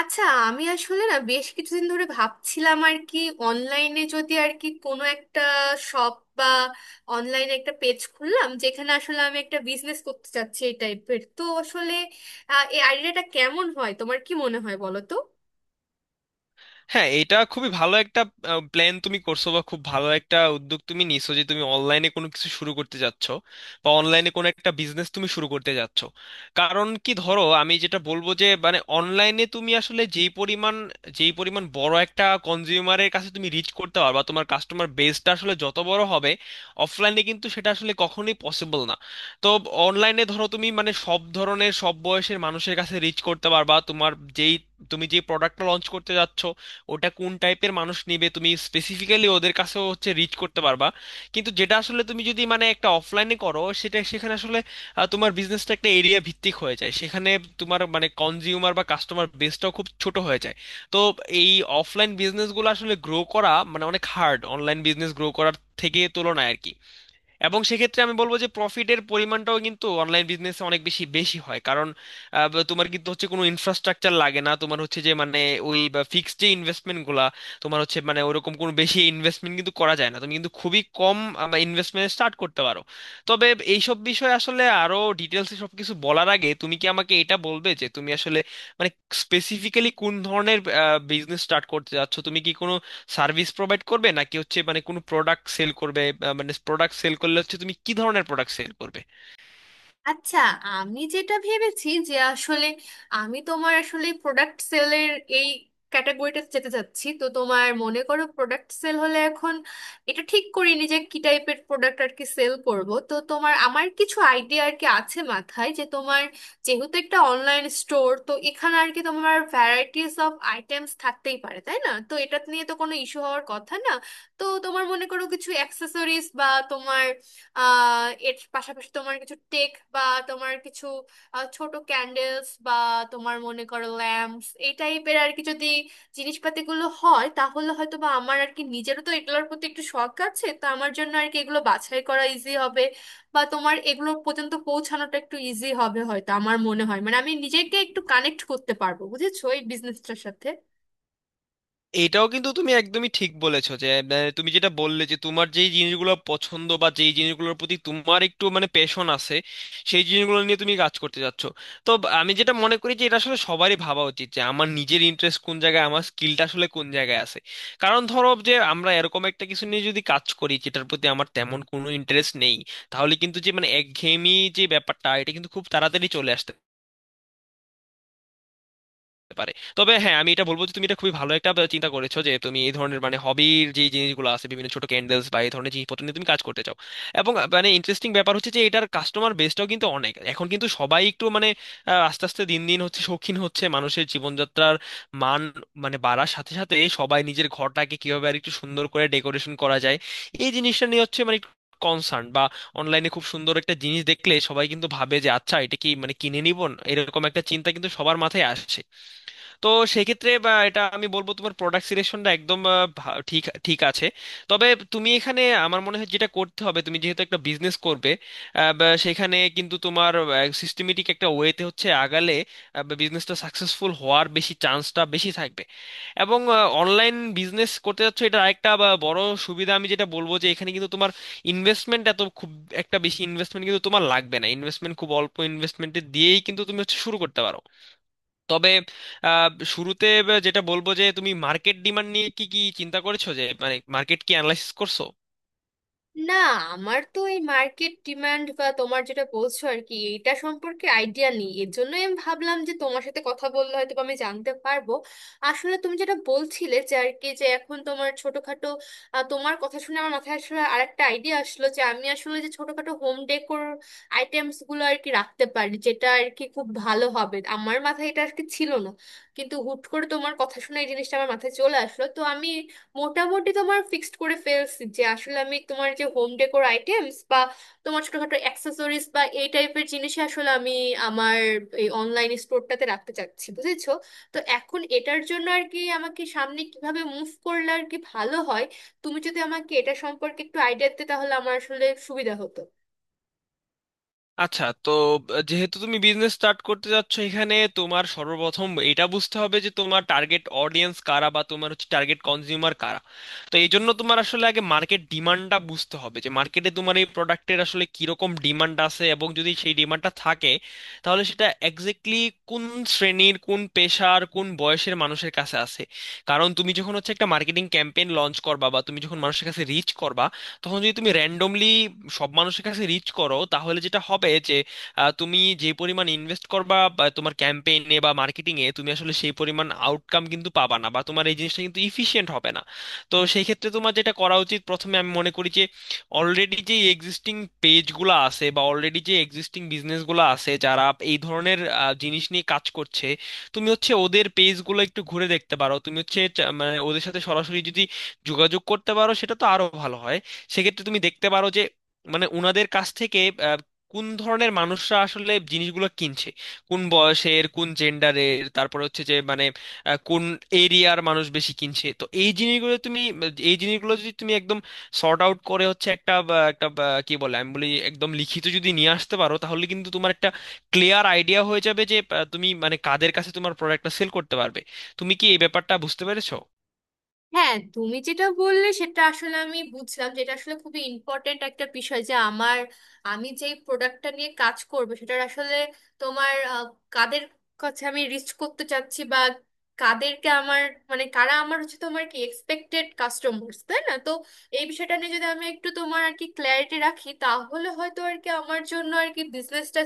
আচ্ছা। আমি আসলে না, বেশ কিছুদিন ধরে ভাবছিলাম আর কি, অনলাইনে যদি আর কি কোনো একটা শপ বা অনলাইনে একটা পেজ খুললাম, যেখানে আসলে আমি একটা বিজনেস করতে চাচ্ছি এই টাইপের। তো আসলে এই আইডিয়াটা কেমন হয়, তোমার কি মনে হয় বলো তো। হ্যাঁ, এটা খুবই ভালো একটা প্ল্যান তুমি করছো, বা খুব ভালো একটা উদ্যোগ তুমি নিছো যে তুমি অনলাইনে কোনো কিছু শুরু করতে যাচ্ছ বা অনলাইনে কোনো একটা বিজনেস তুমি শুরু করতে যাচ্ছ। কারণ কি ধরো, আমি যেটা বলবো যে মানে অনলাইনে তুমি আসলে যেই পরিমাণ বড় একটা কনজিউমারের কাছে তুমি রিচ করতে পারবা, তোমার কাস্টমার বেসটা আসলে যত বড় হবে অফলাইনে কিন্তু সেটা আসলে কখনোই পসিবল না। তো অনলাইনে ধরো তুমি মানে সব ধরনের সব বয়সের মানুষের কাছে রিচ করতে পারবা, তোমার যেই তুমি যে প্রোডাক্টটা লঞ্চ করতে যাচ্ছ ওটা কোন টাইপের মানুষ নেবে তুমি স্পেসিফিক্যালি ওদের কাছেও হচ্ছে রিচ করতে পারবা। কিন্তু যেটা আসলে তুমি যদি মানে একটা অফলাইনে করো সেটা সেখানে আসলে তোমার বিজনেসটা একটা এরিয়া ভিত্তিক হয়ে যায়, সেখানে তোমার মানে কনজিউমার বা কাস্টমার বেসটাও খুব ছোট হয়ে যায়। তো এই অফলাইন বিজনেসগুলো আসলে গ্রো করা মানে অনেক হার্ড অনলাইন বিজনেস গ্রো করার থেকে তুলনায় আর কি। এবং সেক্ষেত্রে আমি বলবো যে প্রফিটের পরিমাণটাও কিন্তু অনলাইন বিজনেসে অনেক বেশি বেশি হয়, কারণ তোমার কিন্তু হচ্ছে কোনো ইনফ্রাস্ট্রাকচার লাগে না, তোমার হচ্ছে যে মানে ওই ফিক্সড যে ইনভেস্টমেন্ট গুলা তোমার হচ্ছে মানে ওরকম কোনো বেশি ইনভেস্টমেন্ট কিন্তু করা যায় না, তুমি কিন্তু খুবই কম ইনভেস্টমেন্ট স্টার্ট করতে পারো। তবে এইসব বিষয়ে আসলে আরো ডিটেলসে সবকিছু বলার আগে তুমি কি আমাকে এটা বলবে যে তুমি আসলে মানে স্পেসিফিক্যালি কোন ধরনের বিজনেস স্টার্ট করতে যাচ্ছ? তুমি কি কোনো সার্ভিস প্রোভাইড করবে, নাকি হচ্ছে মানে কোনো প্রোডাক্ট সেল করবে? মানে প্রোডাক্ট সেল করলে হচ্ছে তুমি কি ধরনের প্রোডাক্ট সেল করবে? আচ্ছা, আমি যেটা ভেবেছি যে আসলে আমি তোমার আসলে প্রোডাক্ট সেলের এই ক্যাটাগরিটা যেতে চাচ্ছি। তো তোমার মনে করো প্রোডাক্ট সেল হলে, এখন এটা ঠিক করিনি যে কি টাইপের প্রোডাক্ট আর কি সেল করব। তো তোমার আমার কিছু আইডিয়া আর কি আছে মাথায় যে তোমার, যেহেতু একটা অনলাইন স্টোর, তো এখানে আর কি তোমার ভ্যারাইটিস অফ আইটেমস থাকতেই পারে, তাই না? তো এটা নিয়ে তো কোনো ইস্যু হওয়ার কথা না। তো তোমার মনে করো কিছু অ্যাক্সেসরিজ বা তোমার আহ, এর পাশাপাশি তোমার কিছু টেক বা তোমার কিছু ছোট ক্যান্ডেলস বা তোমার মনে করো ল্যাম্পস, এই টাইপের আর কি যদি জিনিসপাতিগুলো হয় তাহলে হয়তো বা আমার আর কি নিজেরও তো এগুলোর প্রতি একটু শখ আছে, তো আমার জন্য আর কি এগুলো বাছাই করা ইজি হবে বা তোমার এগুলো পর্যন্ত পৌঁছানোটা একটু ইজি হবে হয়তো। আমার মনে হয় মানে আমি নিজেকে একটু কানেক্ট করতে পারবো, বুঝেছো, এই বিজনেসটার সাথে। এটাও কিন্তু তুমি একদমই ঠিক বলেছো, যে তুমি যেটা বললে যে তোমার যেই জিনিসগুলো পছন্দ বা যেই জিনিসগুলোর প্রতি তোমার একটু মানে প্যাশন আছে সেই জিনিসগুলো নিয়ে তুমি কাজ করতে যাচ্ছ। তো আমি যেটা মনে করি যে এটা আসলে সবারই ভাবা উচিত, যে আমার নিজের ইন্টারেস্ট কোন জায়গায়, আমার স্কিলটা আসলে কোন জায়গায় আছে। কারণ ধরো যে আমরা এরকম একটা কিছু নিয়ে যদি কাজ করি যেটার প্রতি আমার তেমন কোনো ইন্টারেস্ট নেই, তাহলে কিন্তু যে মানে একঘেয়েমি যে ব্যাপারটা এটা কিন্তু খুব তাড়াতাড়ি চলে আসতে করতে পারে। তবে হ্যাঁ, আমি এটা বলবো যে তুমি এটা খুবই ভালো একটা চিন্তা করেছো, যে তুমি এই ধরনের মানে হবির যে জিনিসগুলো আছে বিভিন্ন ছোট ক্যান্ডেলস বা এই ধরনের জিনিসপত্র নিয়ে তুমি কাজ করতে চাও। এবং মানে ইন্টারেস্টিং ব্যাপার হচ্ছে যে এটার কাস্টমার বেসটাও কিন্তু অনেক, এখন কিন্তু সবাই একটু মানে আস্তে আস্তে দিন দিন হচ্ছে শৌখিন হচ্ছে, মানুষের জীবনযাত্রার মান মানে বাড়ার সাথে সাথে সবাই নিজের ঘরটাকে কিভাবে আর একটু সুন্দর করে ডেকোরেশন করা যায় এই জিনিসটা নিয়ে হচ্ছে মানে কনসার্ন, বা অনলাইনে খুব সুন্দর একটা জিনিস দেখলে সবাই কিন্তু ভাবে যে আচ্ছা এটা কি মানে কিনে নিব, এরকম একটা চিন্তা কিন্তু সবার মাথায় আসে। তো সেক্ষেত্রে বা এটা আমি বলবো তোমার প্রোডাক্ট সিলেকশনটা একদম ঠিক ঠিক আছে। তবে তুমি এখানে আমার মনে হয় যেটা করতে হবে, তুমি যেহেতু একটা বিজনেস করবে বা সেখানে কিন্তু তোমার সিস্টেমেটিক একটা ওয়েতে হচ্ছে আগালে বিজনেসটা সাকসেসফুল হওয়ার বেশি চান্সটা বেশি থাকবে। এবং অনলাইন বিজনেস করতে যাচ্ছ এটা একটা বড় সুবিধা, আমি যেটা বলবো যে এখানে কিন্তু তোমার ইনভেস্টমেন্ট এত খুব একটা বেশি ইনভেস্টমেন্ট কিন্তু তোমার লাগবে না, ইনভেস্টমেন্ট খুব অল্প ইনভেস্টমেন্টে দিয়েই কিন্তু তুমি হচ্ছে শুরু করতে পারো। তবে আহ, শুরুতে যেটা বলবো যে তুমি মার্কেট ডিমান্ড নিয়ে কি কি চিন্তা করেছো, যে মানে মার্কেট কি অ্যানালাইসিস করছো? না, আমার তো এই মার্কেট ডিমান্ড বা তোমার যেটা বলছো আর কি, এইটা সম্পর্কে আইডিয়া নেই, এর জন্য আমি ভাবলাম যে তোমার সাথে কথা বললে হয়তো বা আমি জানতে পারবো। আসলে তুমি যেটা বলছিলে যে আর কি যে এখন তোমার ছোটখাটো, তোমার কথা শুনে আমার মাথায় আসলে আরেকটা আইডিয়া আসলো যে আমি আসলে যে ছোটখাটো হোম ডেকোর আইটেমস গুলো আর কি রাখতে পারি, যেটা আর কি খুব ভালো হবে। আমার মাথায় এটা আর কি ছিল না, কিন্তু হুট করে তোমার কথা শুনে এই জিনিসটা আমার মাথায় চলে আসলো। তো আমি মোটামুটি তোমার ফিক্সড করে ফেলছি যে আসলে আমি তোমার যে হোম ডেকোর আইটেমস বা তোমার ছোটখাটো অ্যাক্সেসরিজ বা এই টাইপের জিনিস আসলে আমি আমার এই অনলাইন স্টোরটাতে রাখতে চাচ্ছি, বুঝেছো। তো এখন এটার জন্য আর কি আমাকে সামনে কিভাবে মুভ করলে আর কি ভালো হয়, তুমি যদি আমাকে এটা সম্পর্কে একটু আইডিয়া দিতে তাহলে আমার আসলে সুবিধা হতো। আচ্ছা তো যেহেতু তুমি বিজনেস স্টার্ট করতে যাচ্ছ, এখানে তোমার সর্বপ্রথম এটা বুঝতে হবে যে তোমার টার্গেট অডিয়েন্স কারা, বা তোমার হচ্ছে টার্গেট কনজিউমার কারা। তো এই জন্য তোমার আসলে আগে মার্কেট ডিমান্ডটা বুঝতে হবে, যে মার্কেটে তোমার এই প্রোডাক্টের আসলে কিরকম ডিমান্ড আছে এবং যদি সেই ডিমান্ডটা থাকে তাহলে সেটা এক্স্যাক্টলি কোন শ্রেণীর, কোন পেশার, কোন বয়সের মানুষের কাছে আছে। কারণ তুমি যখন হচ্ছে একটা মার্কেটিং ক্যাম্পেইন লঞ্চ করবা বা তুমি যখন মানুষের কাছে রিচ করবা, তখন যদি তুমি র্যান্ডমলি সব মানুষের কাছে রিচ করো তাহলে যেটা হবে যে তুমি যে পরিমাণ ইনভেস্ট করবা বা তোমার ক্যাম্পেইনে বা মার্কেটিং এ, তুমি আসলে সেই পরিমাণ আউটকাম কিন্তু পাবা না, বা তোমার এই জিনিসটা কিন্তু ইফিশিয়েন্ট হবে না। তো সেই ক্ষেত্রে তোমার যেটা করা উচিত প্রথমে, আমি মনে করি যে অলরেডি যে এক্সিস্টিং পেজগুলো আছে বা অলরেডি যে এক্সিস্টিং বিজনেসগুলো আছে যারা এই ধরনের জিনিস নিয়ে কাজ করছে, তুমি হচ্ছে ওদের পেজগুলো একটু ঘুরে দেখতে পারো। তুমি হচ্ছে মানে ওদের সাথে সরাসরি যদি যোগাযোগ করতে পারো সেটা তো আরো ভালো হয়। সেক্ষেত্রে তুমি দেখতে পারো যে মানে ওনাদের কাছ থেকে আহ, কোন ধরনের মানুষরা আসলে জিনিসগুলো কিনছে, কোন বয়সের, কোন জেন্ডারের, তারপরে হচ্ছে যে মানে কোন এরিয়ার মানুষ বেশি কিনছে। তো এই জিনিসগুলো তুমি, এই জিনিসগুলো যদি তুমি একদম সর্ট আউট করে হচ্ছে একটা একটা কি বলে আমি বলি, একদম লিখিত যদি নিয়ে আসতে পারো তাহলে কিন্তু তোমার একটা ক্লিয়ার আইডিয়া হয়ে যাবে, যে তুমি মানে কাদের কাছে তোমার প্রোডাক্টটা সেল করতে পারবে। তুমি কি এই ব্যাপারটা বুঝতে পেরেছো? হ্যাঁ, তুমি যেটা বললে সেটা আসলে আমি বুঝলাম, যেটা আসলে খুবই ইম্পর্ট্যান্ট একটা বিষয় যে আমার, আমি যেই প্রোডাক্টটা নিয়ে কাজ করব সেটার আসলে তোমার আহ, কাদের কাছে আমি রিচ করতে চাচ্ছি বা কাদেরকে আমার, মানে কারা আমার হচ্ছে তোমার কি এক্সপেক্টেড কাস্টমার্স, তাই না? তো এই বিষয়টা নিয়ে যদি আমি একটু তোমার আর কি ক্ল্যারিটি রাখি, তাহলে হয়তো আর কি আমার জন্য আর কি বিজনেসটা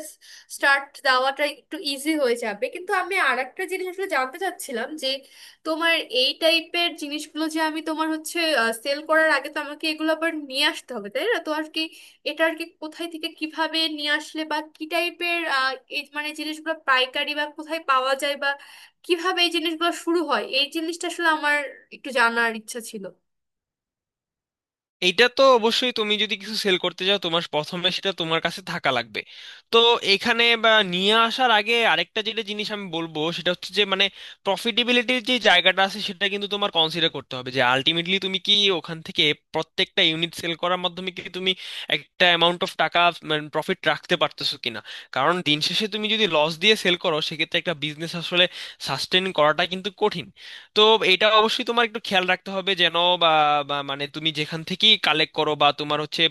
স্টার্ট দেওয়াটা একটু ইজি হয়ে যাবে। কিন্তু আমি আর একটা জিনিস আসলে জানতে চাচ্ছিলাম যে তোমার এই টাইপের জিনিসগুলো যে আমি তোমার হচ্ছে সেল করার আগে তো আমাকে এগুলো আবার নিয়ে আসতে হবে, তাই না? তো আর কি এটা আর কি কোথায় থেকে কিভাবে নিয়ে আসলে বা কি টাইপের মানে জিনিসগুলো পাইকারি বা কোথায় পাওয়া যায় বা কিভাবে এই জিনিসগুলো শুরু হয়, এই জিনিসটা আসলে আমার একটু জানার ইচ্ছা ছিল। এইটা তো অবশ্যই, তুমি যদি কিছু সেল করতে চাও তোমার প্রথমে সেটা তোমার কাছে থাকা লাগবে। তো এখানে বা নিয়ে আসার আগে আরেকটা যেটা জিনিস আমি বলবো, সেটা হচ্ছে যে মানে প্রফিটেবিলিটির যে জায়গাটা আছে সেটা কিন্তু তোমার কনসিডার করতে হবে, যে আলটিমেটলি তুমি কি ওখান থেকে প্রত্যেকটা ইউনিট সেল করার মাধ্যমে কি তুমি একটা অ্যামাউন্ট অফ টাকা মানে প্রফিট রাখতে পারতেছো কিনা। কারণ দিন শেষে তুমি যদি লস দিয়ে সেল করো সেক্ষেত্রে একটা বিজনেস আসলে সাস্টেন করাটা কিন্তু কঠিন। তো এটা অবশ্যই তোমার একটু খেয়াল রাখতে হবে যেন বা বা মানে তুমি যেখান থেকেই কালেক্ট করো বা তোমার হচ্ছে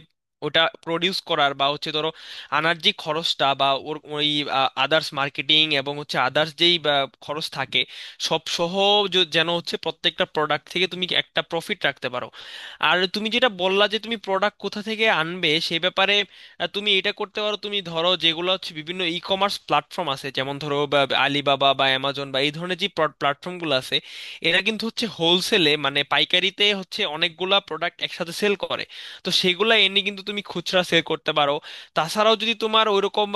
ওটা প্রডিউস করার বা হচ্ছে ধরো আনার যে খরচটা বা ওর ওই আদার্স মার্কেটিং এবং হচ্ছে আদার্স যেই খরচ থাকে সব সহ যেন হচ্ছে প্রত্যেকটা প্রোডাক্ট থেকে তুমি একটা প্রফিট রাখতে পারো। আর তুমি যেটা বললা যে তুমি প্রোডাক্ট কোথা থেকে আনবে সে ব্যাপারে, তুমি এটা করতে পারো। তুমি ধরো যেগুলো হচ্ছে বিভিন্ন ই কমার্স প্ল্যাটফর্ম আছে যেমন ধরো আলিবাবা বা অ্যামাজন বা Alibaba বা Amazon বা এই ধরনের যে প্ল্যাটফর্মগুলো আছে, এরা কিন্তু হচ্ছে হোলসেলে মানে পাইকারিতে হচ্ছে অনেকগুলা প্রোডাক্ট একসাথে সেল করে। তো সেগুলা এনে কিন্তু তুমি খুচরা সেল করতে পারো। তাছাড়াও যদি তোমার ওইরকম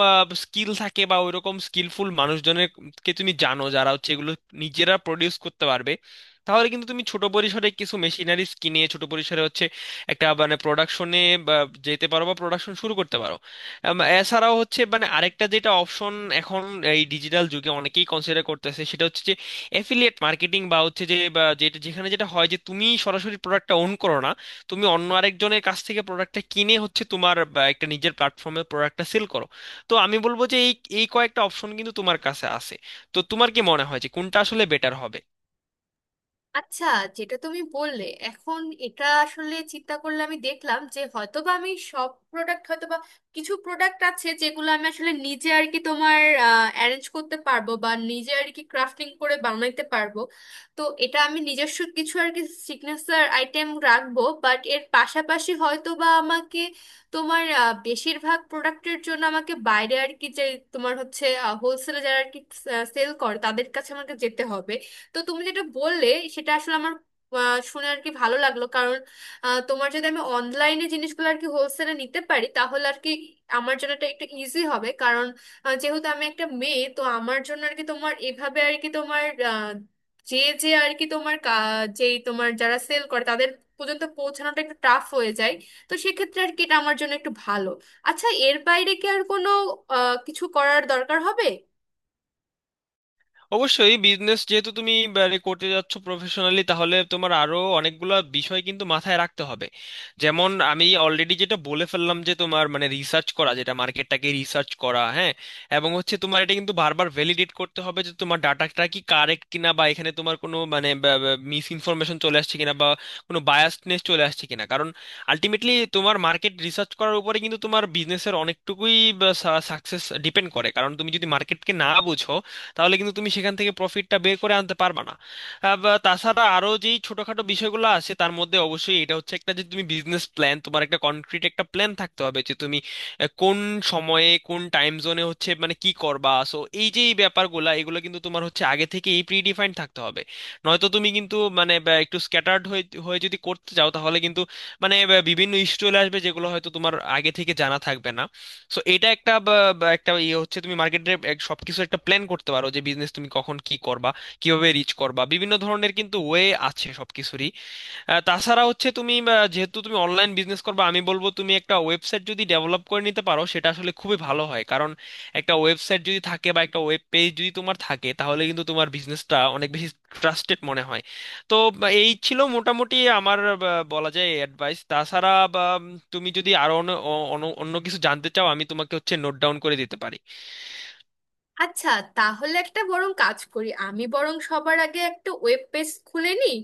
স্কিল থাকে বা ওইরকম স্কিলফুল মানুষজনের কে তুমি জানো যারা হচ্ছে এগুলো নিজেরা প্রডিউস করতে পারবে, তাহলে কিন্তু তুমি ছোট পরিসরে কিছু মেশিনারিজ কিনে ছোট পরিসরে হচ্ছে একটা মানে প্রোডাকশনে যেতে পারো বা প্রোডাকশন শুরু করতে পারো। এছাড়াও হচ্ছে মানে আরেকটা যেটা অপশন এখন এই ডিজিটাল যুগে অনেকেই কনসিডার করতেছে অ্যাফিলিয়েট মার্কেটিং, বা হচ্ছে যে বা যেটা যেখানে যেটা হয় যে তুমি সরাসরি প্রোডাক্টটা ওন করো না, তুমি অন্য আরেকজনের কাছ থেকে প্রোডাক্টটা কিনে হচ্ছে তোমার বা একটা নিজের প্ল্যাটফর্মে প্রোডাক্টটা সেল করো। তো আমি বলবো যে এই এই কয়েকটা অপশন কিন্তু তোমার কাছে আছে। তো তোমার কি মনে হয় যে কোনটা আসলে বেটার হবে? আচ্ছা, যেটা তুমি বললে এখন এটা আসলে চিন্তা করলে আমি দেখলাম যে হয়তোবা আমি সব প্রোডাক্ট হয়তোবা, কিছু প্রোডাক্ট আছে যেগুলো আমি আসলে নিজে আর কি তোমার অ্যারেঞ্জ করতে পারবো বা নিজে আর কি ক্রাফটিং করে বানাইতে পারবো। তো এটা আমি নিজস্ব কিছু আর কি সিগনেচার আইটেম রাখবো, বাট এর পাশাপাশি হয়তোবা আমাকে তোমার বেশিরভাগ প্রোডাক্টের জন্য আমাকে বাইরে আর কি যে তোমার হচ্ছে হোলসেলে যারা আর কি সেল করে তাদের কাছে আমাকে যেতে হবে। তো তুমি যেটা বললে সেটা আসলে আমার শুনে আর কি ভালো লাগলো, কারণ তোমার যদি আমি অনলাইনে জিনিসগুলো আর কি হোলসেলে নিতে পারি তাহলে আর কি আমার জন্য এটা একটু ইজি হবে। কারণ যেহেতু আমি একটা মেয়ে, তো আমার জন্য আর কি তোমার এভাবে আর কি তোমার আহ, যে যে আর কি তোমার যেই তোমার যারা সেল করে তাদের পর্যন্ত পৌঁছানোটা একটু টাফ হয়ে যায়। তো সেক্ষেত্রে আর কি এটা আমার জন্য একটু ভালো। আচ্ছা, এর বাইরে কি আর কোনো কিছু করার দরকার হবে? অবশ্যই, বিজনেস যেহেতু তুমি মানে করতে যাচ্ছ প্রফেশনালি, তাহলে তোমার আরো অনেকগুলো বিষয় কিন্তু মাথায় রাখতে হবে। যেমন আমি অলরেডি যেটা বলে ফেললাম যে তোমার মানে রিসার্চ করা, যেটা মার্কেটটাকে রিসার্চ করা, হ্যাঁ। এবং হচ্ছে তোমার এটা কিন্তু বারবার ভ্যালিডেট করতে হবে যে তোমার ডাটাটা কি কারেক্ট কিনা, বা এখানে তোমার কোনো মানে মিস ইনফরমেশন চলে আসছে কিনা, বা কোনো বায়াসনেস চলে আসছে কিনা। কারণ আলটিমেটলি তোমার মার্কেট রিসার্চ করার উপরে কিন্তু তোমার বিজনেসের অনেকটুকুই সাকসেস ডিপেন্ড করে, কারণ তুমি যদি মার্কেটকে না বুঝো তাহলে কিন্তু তুমি সেখান থেকে প্রফিটটা বের করে আনতে পারবা না। বা তাছাড়া আরো যেই ছোটখাটো বিষয়গুলো আছে তার মধ্যে অবশ্যই এটা হচ্ছে একটা, যে তুমি বিজনেস প্ল্যান, তোমার একটা কনক্রিট একটা প্ল্যান থাকতে হবে যে তুমি কোন সময়ে, কোন টাইম জোনে হচ্ছে মানে কি করবা। সো এই যে এই ব্যাপারগুলা, এগুলো কিন্তু তোমার হচ্ছে আগে থেকে এই প্রিডিফাইন্ড থাকতে হবে। নয়তো তুমি কিন্তু মানে বা একটু স্ক্যাটার্ড হয়ে হয়ে যদি করতে যাও তাহলে কিন্তু মানে বা বিভিন্ন ইস্যু চলে আসবে যেগুলো হয়তো তোমার আগে থেকে জানা থাকবে না। সো এটা একটা বা একটা ইয়ে হচ্ছে, তুমি মার্কেটে সবকিছু একটা প্ল্যান করতে পারো যে বিজনেস তুমি কখন কি করবা, কিভাবে রিচ করবা। বিভিন্ন ধরনের কিন্তু ওয়ে আছে সবকিছুরই। তাছাড়া হচ্ছে তুমি যেহেতু তুমি অনলাইন বিজনেস করবে, আমি বলবো তুমি একটা ওয়েবসাইট যদি ডেভেলপ করে নিতে পারো সেটা আসলে খুবই ভালো হয়। কারণ একটা ওয়েবসাইট যদি থাকে বা একটা ওয়েব পেজ যদি তোমার থাকে তাহলে কিন্তু তোমার বিজনেসটা অনেক বেশি ট্রাস্টেড মনে হয়। তো বা, এই ছিল মোটামুটি আমার বা, বলা যায় অ্যাডভাইস। তাছাড়া বা, তুমি যদি আরো অন্য অন্য অন্য কিছু জানতে চাও আমি তোমাকে হচ্ছে নোট ডাউন করে দিতে পারি। আচ্ছা, তাহলে একটা বরং কাজ করি, আমি বরং সবার আগে একটা ওয়েব পেজ খুলে নিই,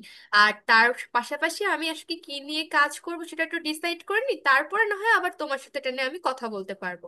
আর তার পাশাপাশি আমি আজকে কি নিয়ে কাজ করব সেটা একটু ডিসাইড করে নিই, তারপরে না হয় আবার তোমার সাথে এটা নিয়ে আমি কথা বলতে পারবো।